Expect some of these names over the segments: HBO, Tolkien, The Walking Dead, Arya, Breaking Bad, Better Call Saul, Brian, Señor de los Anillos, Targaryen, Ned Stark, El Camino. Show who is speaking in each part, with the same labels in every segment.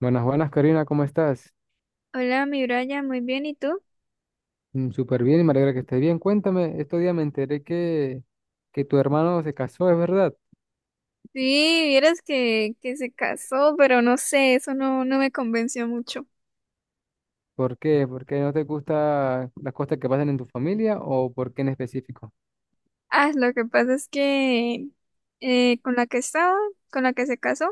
Speaker 1: Buenas, buenas, Karina, ¿cómo estás?
Speaker 2: Hola, mi Brian, muy bien, ¿y tú?
Speaker 1: Mm, súper bien y me alegra que estés bien. Cuéntame, estos días me enteré que tu hermano se casó, ¿es verdad?
Speaker 2: Sí, vieras que se casó, pero no sé, eso no, no me convenció mucho.
Speaker 1: ¿Por qué? ¿Por qué no te gustan las cosas que pasan en tu familia o por qué en específico?
Speaker 2: Ah, lo que pasa es que eh, con la que estaba, con la que se casó,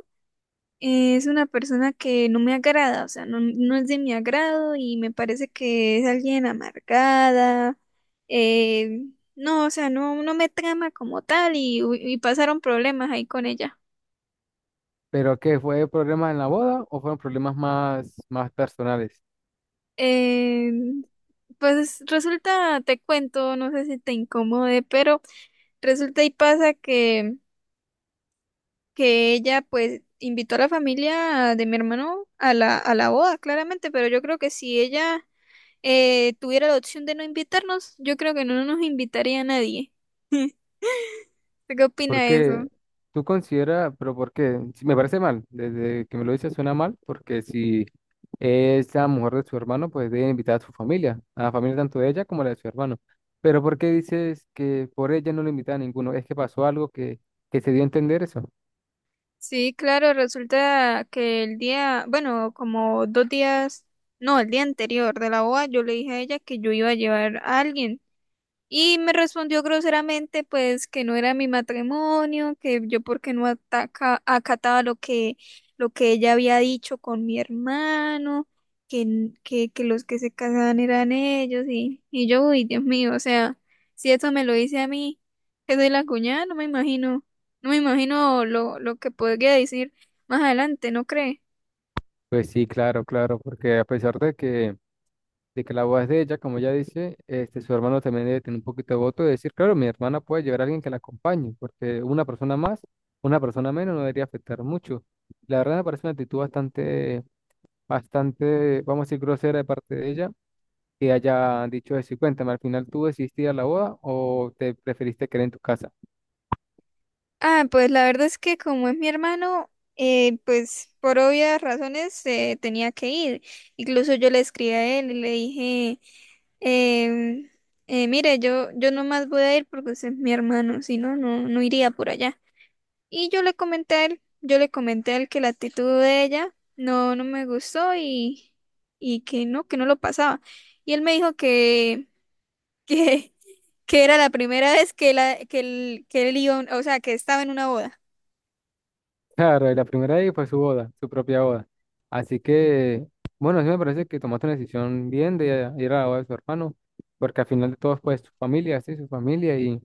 Speaker 2: es una persona que no me agrada, o sea, no, no es de mi agrado y me parece que es alguien amargada. eh, no, o sea, no, no me trama como tal y pasaron problemas ahí con ella.
Speaker 1: ¿Pero qué? ¿Fue problemas en la boda o fueron problemas más personales?
Speaker 2: Eh, pues resulta, te cuento, no sé si te incomode, pero resulta y pasa que ella pues invitó a la familia de mi hermano a la boda, claramente, pero yo creo que si ella tuviera la opción de no invitarnos, yo creo que no nos invitaría a nadie. ¿Usted ¿Qué opina de eso?
Speaker 1: Porque tú consideras, pero porque si me parece mal, desde que me lo dices suena mal, porque si es la mujer de su hermano, pues debe invitar a su familia, a la familia tanto de ella como la de su hermano. Pero ¿por qué dices que por ella no lo invita a ninguno? ¿Es que pasó algo que se dio a entender eso?
Speaker 2: Sí, claro, resulta que el día, bueno, como 2 días, no, el día anterior de la boda, yo le dije a ella que yo iba a llevar a alguien. Y me respondió groseramente, pues, que no era mi matrimonio, que yo porque no acataba lo que ella había dicho con mi hermano, que los que se casaban eran ellos, y yo, uy, Dios mío, o sea, si eso me lo dice a mí, que soy la cuñada, no me imagino lo que podría decir más adelante, ¿no cree?
Speaker 1: Pues sí, claro, claro, porque a pesar de que la boda es de ella, como ella dice, este, su hermano también debe tener un poquito de voto de decir, claro, mi hermana puede llevar a alguien que la acompañe, porque una persona más, una persona menos no debería afectar mucho. La verdad me parece una actitud bastante, bastante, vamos a decir, grosera de parte de ella, que haya dicho eso. Y cuéntame, al final tú decidiste ir a la boda o te preferiste quedar en tu casa.
Speaker 2: Ah, pues la verdad es que como es mi hermano, pues por obvias razones tenía que ir. Incluso yo le escribí a él y le dije, em, mire, yo nomás voy a ir porque usted es mi hermano, si no, no iría por allá. Y yo le comenté a él que la actitud de ella no, no me gustó y que no lo pasaba. Y él me dijo que, que era la primera vez que la, que él iba, a un- o sea, que estaba en una boda.
Speaker 1: Claro, y la primera ahí fue su boda, su propia boda. Así que, bueno, sí me parece que tomaste una decisión bien de ir a la boda de su hermano, porque al final de todo fue su familia, sí, su familia, y,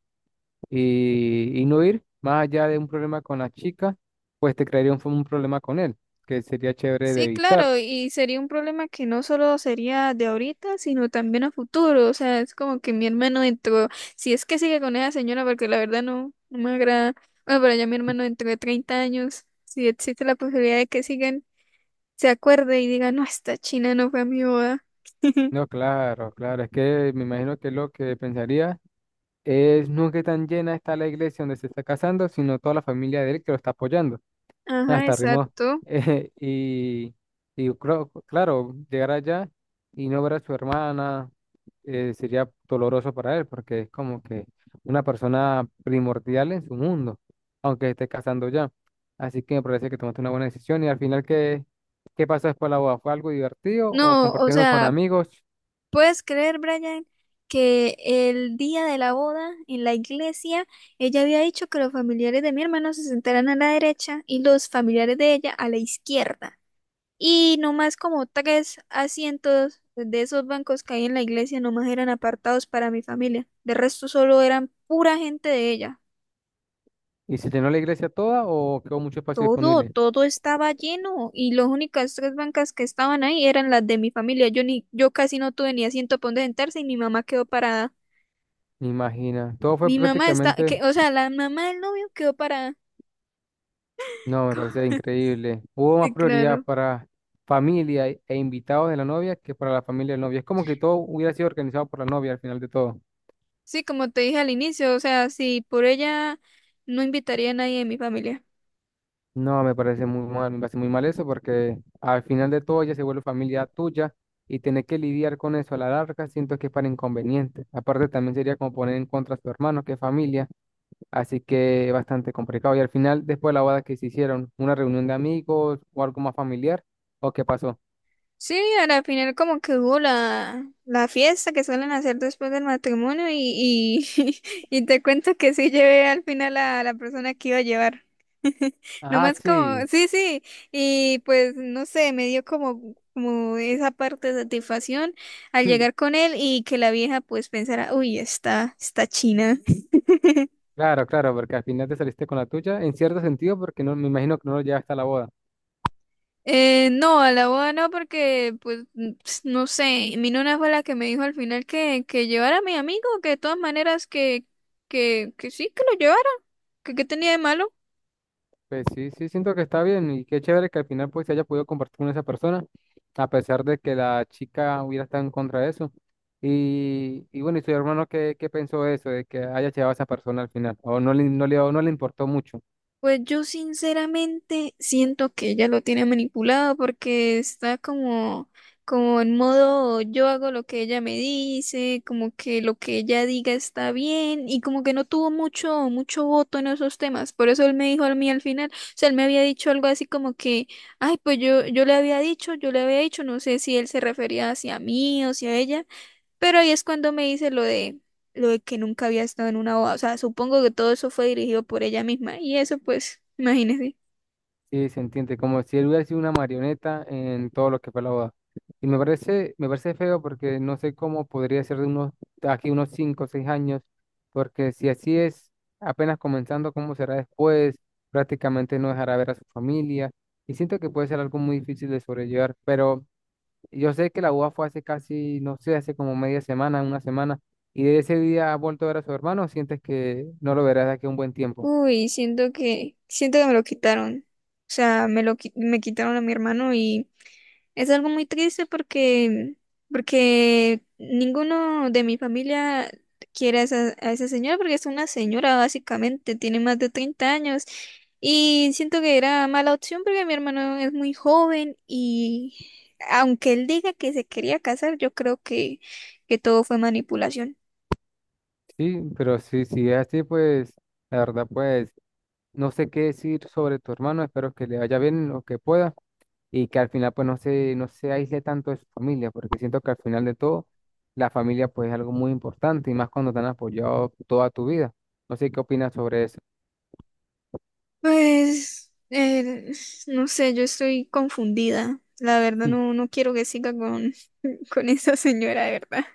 Speaker 1: y, y no ir más allá de un problema con la chica, pues te crearía un problema con él, que sería chévere de
Speaker 2: Sí,
Speaker 1: evitar.
Speaker 2: claro, y sería un problema que no solo sería de ahorita, sino también a futuro. O sea, es como que mi hermano entró, si es que sigue con esa señora, porque la verdad no, no me agrada. Bueno, pero ya mi hermano dentro de 30 años, si existe la posibilidad de que sigan, se acuerde y diga, no, esta china no fue a mi boda.
Speaker 1: No, claro, claro, es que me imagino que lo que pensaría es no que tan llena está la iglesia donde se está casando, sino toda la familia de él que lo está apoyando.
Speaker 2: Ajá,
Speaker 1: Hasta rimó.
Speaker 2: exacto.
Speaker 1: Eh, y, claro, llegar allá y no ver a su hermana sería doloroso para él, porque es como que una persona primordial en su mundo, aunque esté casando ya. Así que me parece que tomaste una buena decisión. Y al final, ¿qué, qué pasó después de la boda? ¿Fue algo divertido o
Speaker 2: No, o
Speaker 1: compartieron con
Speaker 2: sea,
Speaker 1: amigos
Speaker 2: ¿puedes creer, Brian, que el día de la boda en la iglesia, ella había dicho que los familiares de mi hermano se sentaran a la derecha y los familiares de ella a la izquierda? Y nomás como tres asientos de esos bancos que hay en la iglesia nomás eran apartados para mi familia. De resto solo eran pura gente de ella.
Speaker 1: y se llenó la iglesia toda o quedó mucho espacio
Speaker 2: Todo,
Speaker 1: disponible?
Speaker 2: todo estaba lleno y las únicas tres bancas que estaban ahí eran las de mi familia. Yo casi no tuve ni asiento para donde sentarse y mi mamá quedó parada.
Speaker 1: Me imagina. Todo fue
Speaker 2: Mi mamá está,
Speaker 1: prácticamente...
Speaker 2: que, o sea, la mamá del novio quedó parada.
Speaker 1: No, me parecía increíble. Hubo más
Speaker 2: Sí,
Speaker 1: prioridad
Speaker 2: claro.
Speaker 1: para familia e invitados de la novia que para la familia del novio. Es como que todo hubiera sido organizado por la novia al final de todo.
Speaker 2: Sí, como te dije al inicio, o sea, si por ella no invitaría a nadie de mi familia.
Speaker 1: No, me parece muy mal, me parece muy mal eso porque al final de todo ella se vuelve familia tuya y tener que lidiar con eso a la larga siento que es para inconveniente. Aparte también sería como poner en contra a su hermano que es familia, así que es bastante complicado. Y al final, después de la boda que se hicieron, una reunión de amigos o algo más familiar, ¿o qué pasó?
Speaker 2: Sí, a la final como que hubo la fiesta que suelen hacer después del matrimonio y te cuento que sí llevé al final a la persona que iba a llevar.
Speaker 1: Ah,
Speaker 2: Nomás
Speaker 1: sí.
Speaker 2: como, sí, sí, y pues no sé, me dio como esa parte de satisfacción al llegar con él y que la vieja pues pensara, uy, está china.
Speaker 1: Claro, claro, porque al final te saliste con la tuya, en cierto sentido, porque no, me imagino que no lo llevaste hasta la boda.
Speaker 2: No, a la boda no, porque, pues, no sé, mi nona fue la que me dijo al final que llevara a mi amigo, que de todas maneras que sí, que lo llevara, que qué tenía de malo.
Speaker 1: Pues sí, sí, siento que está bien y qué chévere que al final pues se haya podido compartir con esa persona, a pesar de que la chica hubiera estado en contra de eso. Y bueno, ¿y tu hermano qué, qué pensó de eso, de que haya llevado a esa persona al final? ¿O no no le importó mucho?
Speaker 2: Pues yo sinceramente siento que ella lo tiene manipulado porque está como en modo yo hago lo que ella me dice, como que lo que ella diga está bien y como que no tuvo mucho, mucho voto en esos temas. Por eso él me dijo a mí al final, o sea, él me había dicho algo así como que, ay, pues yo le había dicho, no sé si él se refería hacia mí o hacia ella, pero ahí es cuando me dice lo de que nunca había estado en una boda. O sea, supongo que todo eso fue dirigido por ella misma. Y eso, pues, imagínese.
Speaker 1: Sí, se entiende, como si él hubiera sido una marioneta en todo lo que fue la boda. Y me parece feo porque no sé cómo podría ser de unos, de aquí unos 5 o 6 años, porque si así es, apenas comenzando, ¿cómo será después? Prácticamente no dejará ver a su familia. Y siento que puede ser algo muy difícil de sobrellevar, pero yo sé que la boda fue hace casi, no sé, hace como media semana, una semana, y de ese día ha vuelto a ver a su hermano, ¿o ¿sientes que no lo verás de aquí a un buen tiempo?
Speaker 2: Uy, siento que me lo quitaron. O sea, me quitaron a mi hermano y es algo muy triste porque ninguno de mi familia quiere a esa señora porque es una señora básicamente, tiene más de 30 años y siento que era mala opción porque mi hermano es muy joven y aunque él diga que se quería casar, yo creo que todo fue manipulación.
Speaker 1: Sí, pero si es así, pues la verdad, pues no sé qué decir sobre tu hermano, espero que le vaya bien lo que pueda y que al final pues no no se aísle tanto de su familia, porque siento que al final de todo la familia pues es algo muy importante y más cuando te han apoyado toda tu vida. No sé qué opinas sobre eso.
Speaker 2: Pues, no sé, yo estoy confundida. La verdad, no, no quiero que siga con, con esa señora, de verdad.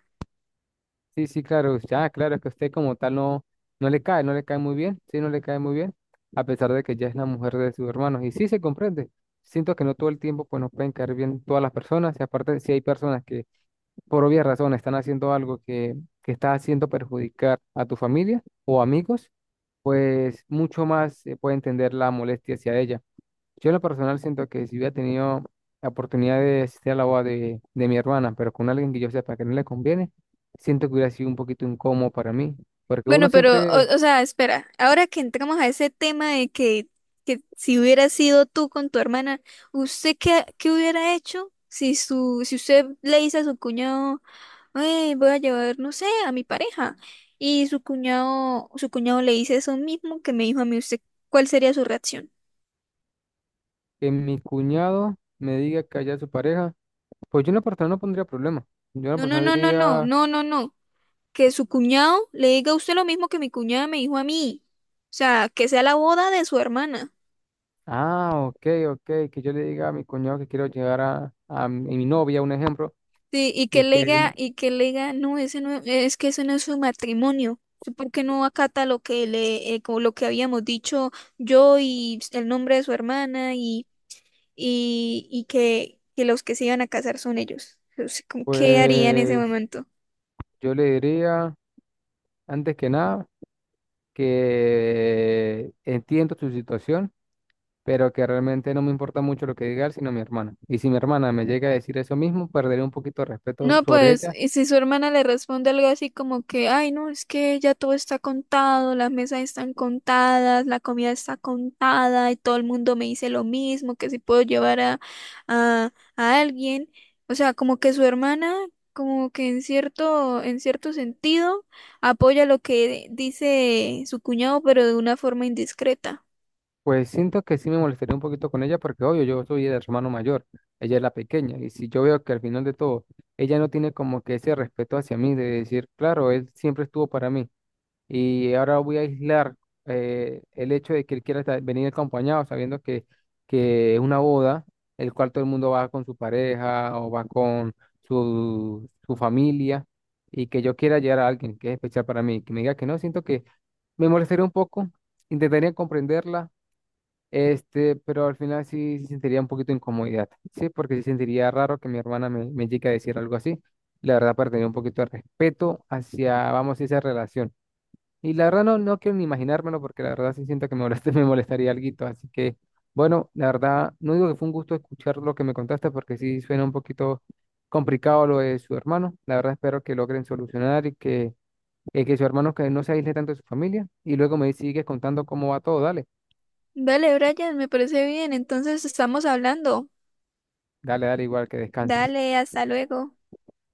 Speaker 1: Sí, sí, claro, ya, claro, es que a usted como tal no, no le cae, no le cae muy bien, sí, no le cae muy bien, a pesar de que ya es la mujer de sus hermanos. Y sí se comprende. Siento que no todo el tiempo pues nos pueden caer bien todas las personas, y aparte si hay personas que por obvias razones están haciendo algo que está haciendo perjudicar a tu familia o amigos, pues mucho más se puede entender la molestia hacia ella. Yo en lo personal siento que si hubiera tenido la oportunidad de asistir a la boda de mi hermana, pero con alguien que yo sepa que no le conviene, siento que hubiera sido un poquito incómodo para mí. Porque uno
Speaker 2: Bueno, pero,
Speaker 1: siempre,
Speaker 2: o sea, espera, ahora que entramos a ese tema de que si hubiera sido tú con tu hermana, ¿usted qué hubiera hecho si si usted le dice a su cuñado, "Ay, voy a llevar, no sé, a mi pareja"? Y su cuñado le dice eso mismo que me dijo a mí, ¿usted cuál sería su reacción?
Speaker 1: que mi cuñado me diga que haya su pareja, pues yo en lo personal no pondría problema. Yo en lo
Speaker 2: No, no,
Speaker 1: personal
Speaker 2: no, no, no,
Speaker 1: diría,
Speaker 2: no, no, no. Que su cuñado le diga a usted lo mismo que mi cuñada me dijo a mí. O sea, que sea la boda de su hermana.
Speaker 1: ah, ok, ok, que yo le diga a mi cuñado que quiero llegar a mi novia, un ejemplo,
Speaker 2: Sí, y
Speaker 1: y que él,
Speaker 2: y que le diga, no, ese no, es que ese no es su matrimonio. ¿Usted ¿Por qué no acata como lo que habíamos dicho yo y el nombre de su hermana y que los que se iban a casar son ellos? O sea, ¿qué haría en ese
Speaker 1: pues
Speaker 2: momento?
Speaker 1: yo le diría, antes que nada, que entiendo su situación pero que realmente no me importa mucho lo que diga él, sino mi hermana. Y si mi hermana me llega a decir eso mismo, perderé un poquito de respeto
Speaker 2: No,
Speaker 1: sobre
Speaker 2: pues,
Speaker 1: ella,
Speaker 2: y si su hermana le responde algo así como que, ay, no, es que ya todo está contado, las mesas están contadas, la comida está contada y todo el mundo me dice lo mismo, que si puedo llevar a alguien. O sea, como que su hermana, como que en cierto sentido, apoya lo que dice su cuñado, pero de una forma indiscreta.
Speaker 1: pues siento que sí me molestaría un poquito con ella, porque obvio, yo soy el hermano mayor, ella es la pequeña, y si yo veo que al final de todo, ella no tiene como que ese respeto hacia mí, de decir, claro, él siempre estuvo para mí, y ahora voy a aislar el hecho de que él quiera estar- venir acompañado, sabiendo que es una boda, el cual todo el mundo va con su pareja o va con su familia, y que yo quiera llevar a alguien que es especial para mí, que me diga que no, siento que me molestaría un poco, intentaría comprenderla, este, pero al final sí, sí sentiría un poquito de incomodidad, sí, porque sí sentiría raro que mi hermana me llegue a decir algo así. La verdad, perdería un poquito de respeto hacia, vamos, esa relación. Y la verdad no, no quiero ni imaginármelo porque la verdad sí siento que me molest- me molestaría alguito. Así que, bueno, la verdad, no digo que fue un gusto escuchar lo que me contaste porque sí suena un poquito complicado lo de su hermano. La verdad espero que logren solucionar y que su hermano que no se aísle tanto de su familia. Y luego me sigues contando cómo va todo. Dale,
Speaker 2: Dale, Brian, me parece bien, entonces estamos hablando.
Speaker 1: dale, dale, igual que descanses.
Speaker 2: Dale, hasta luego.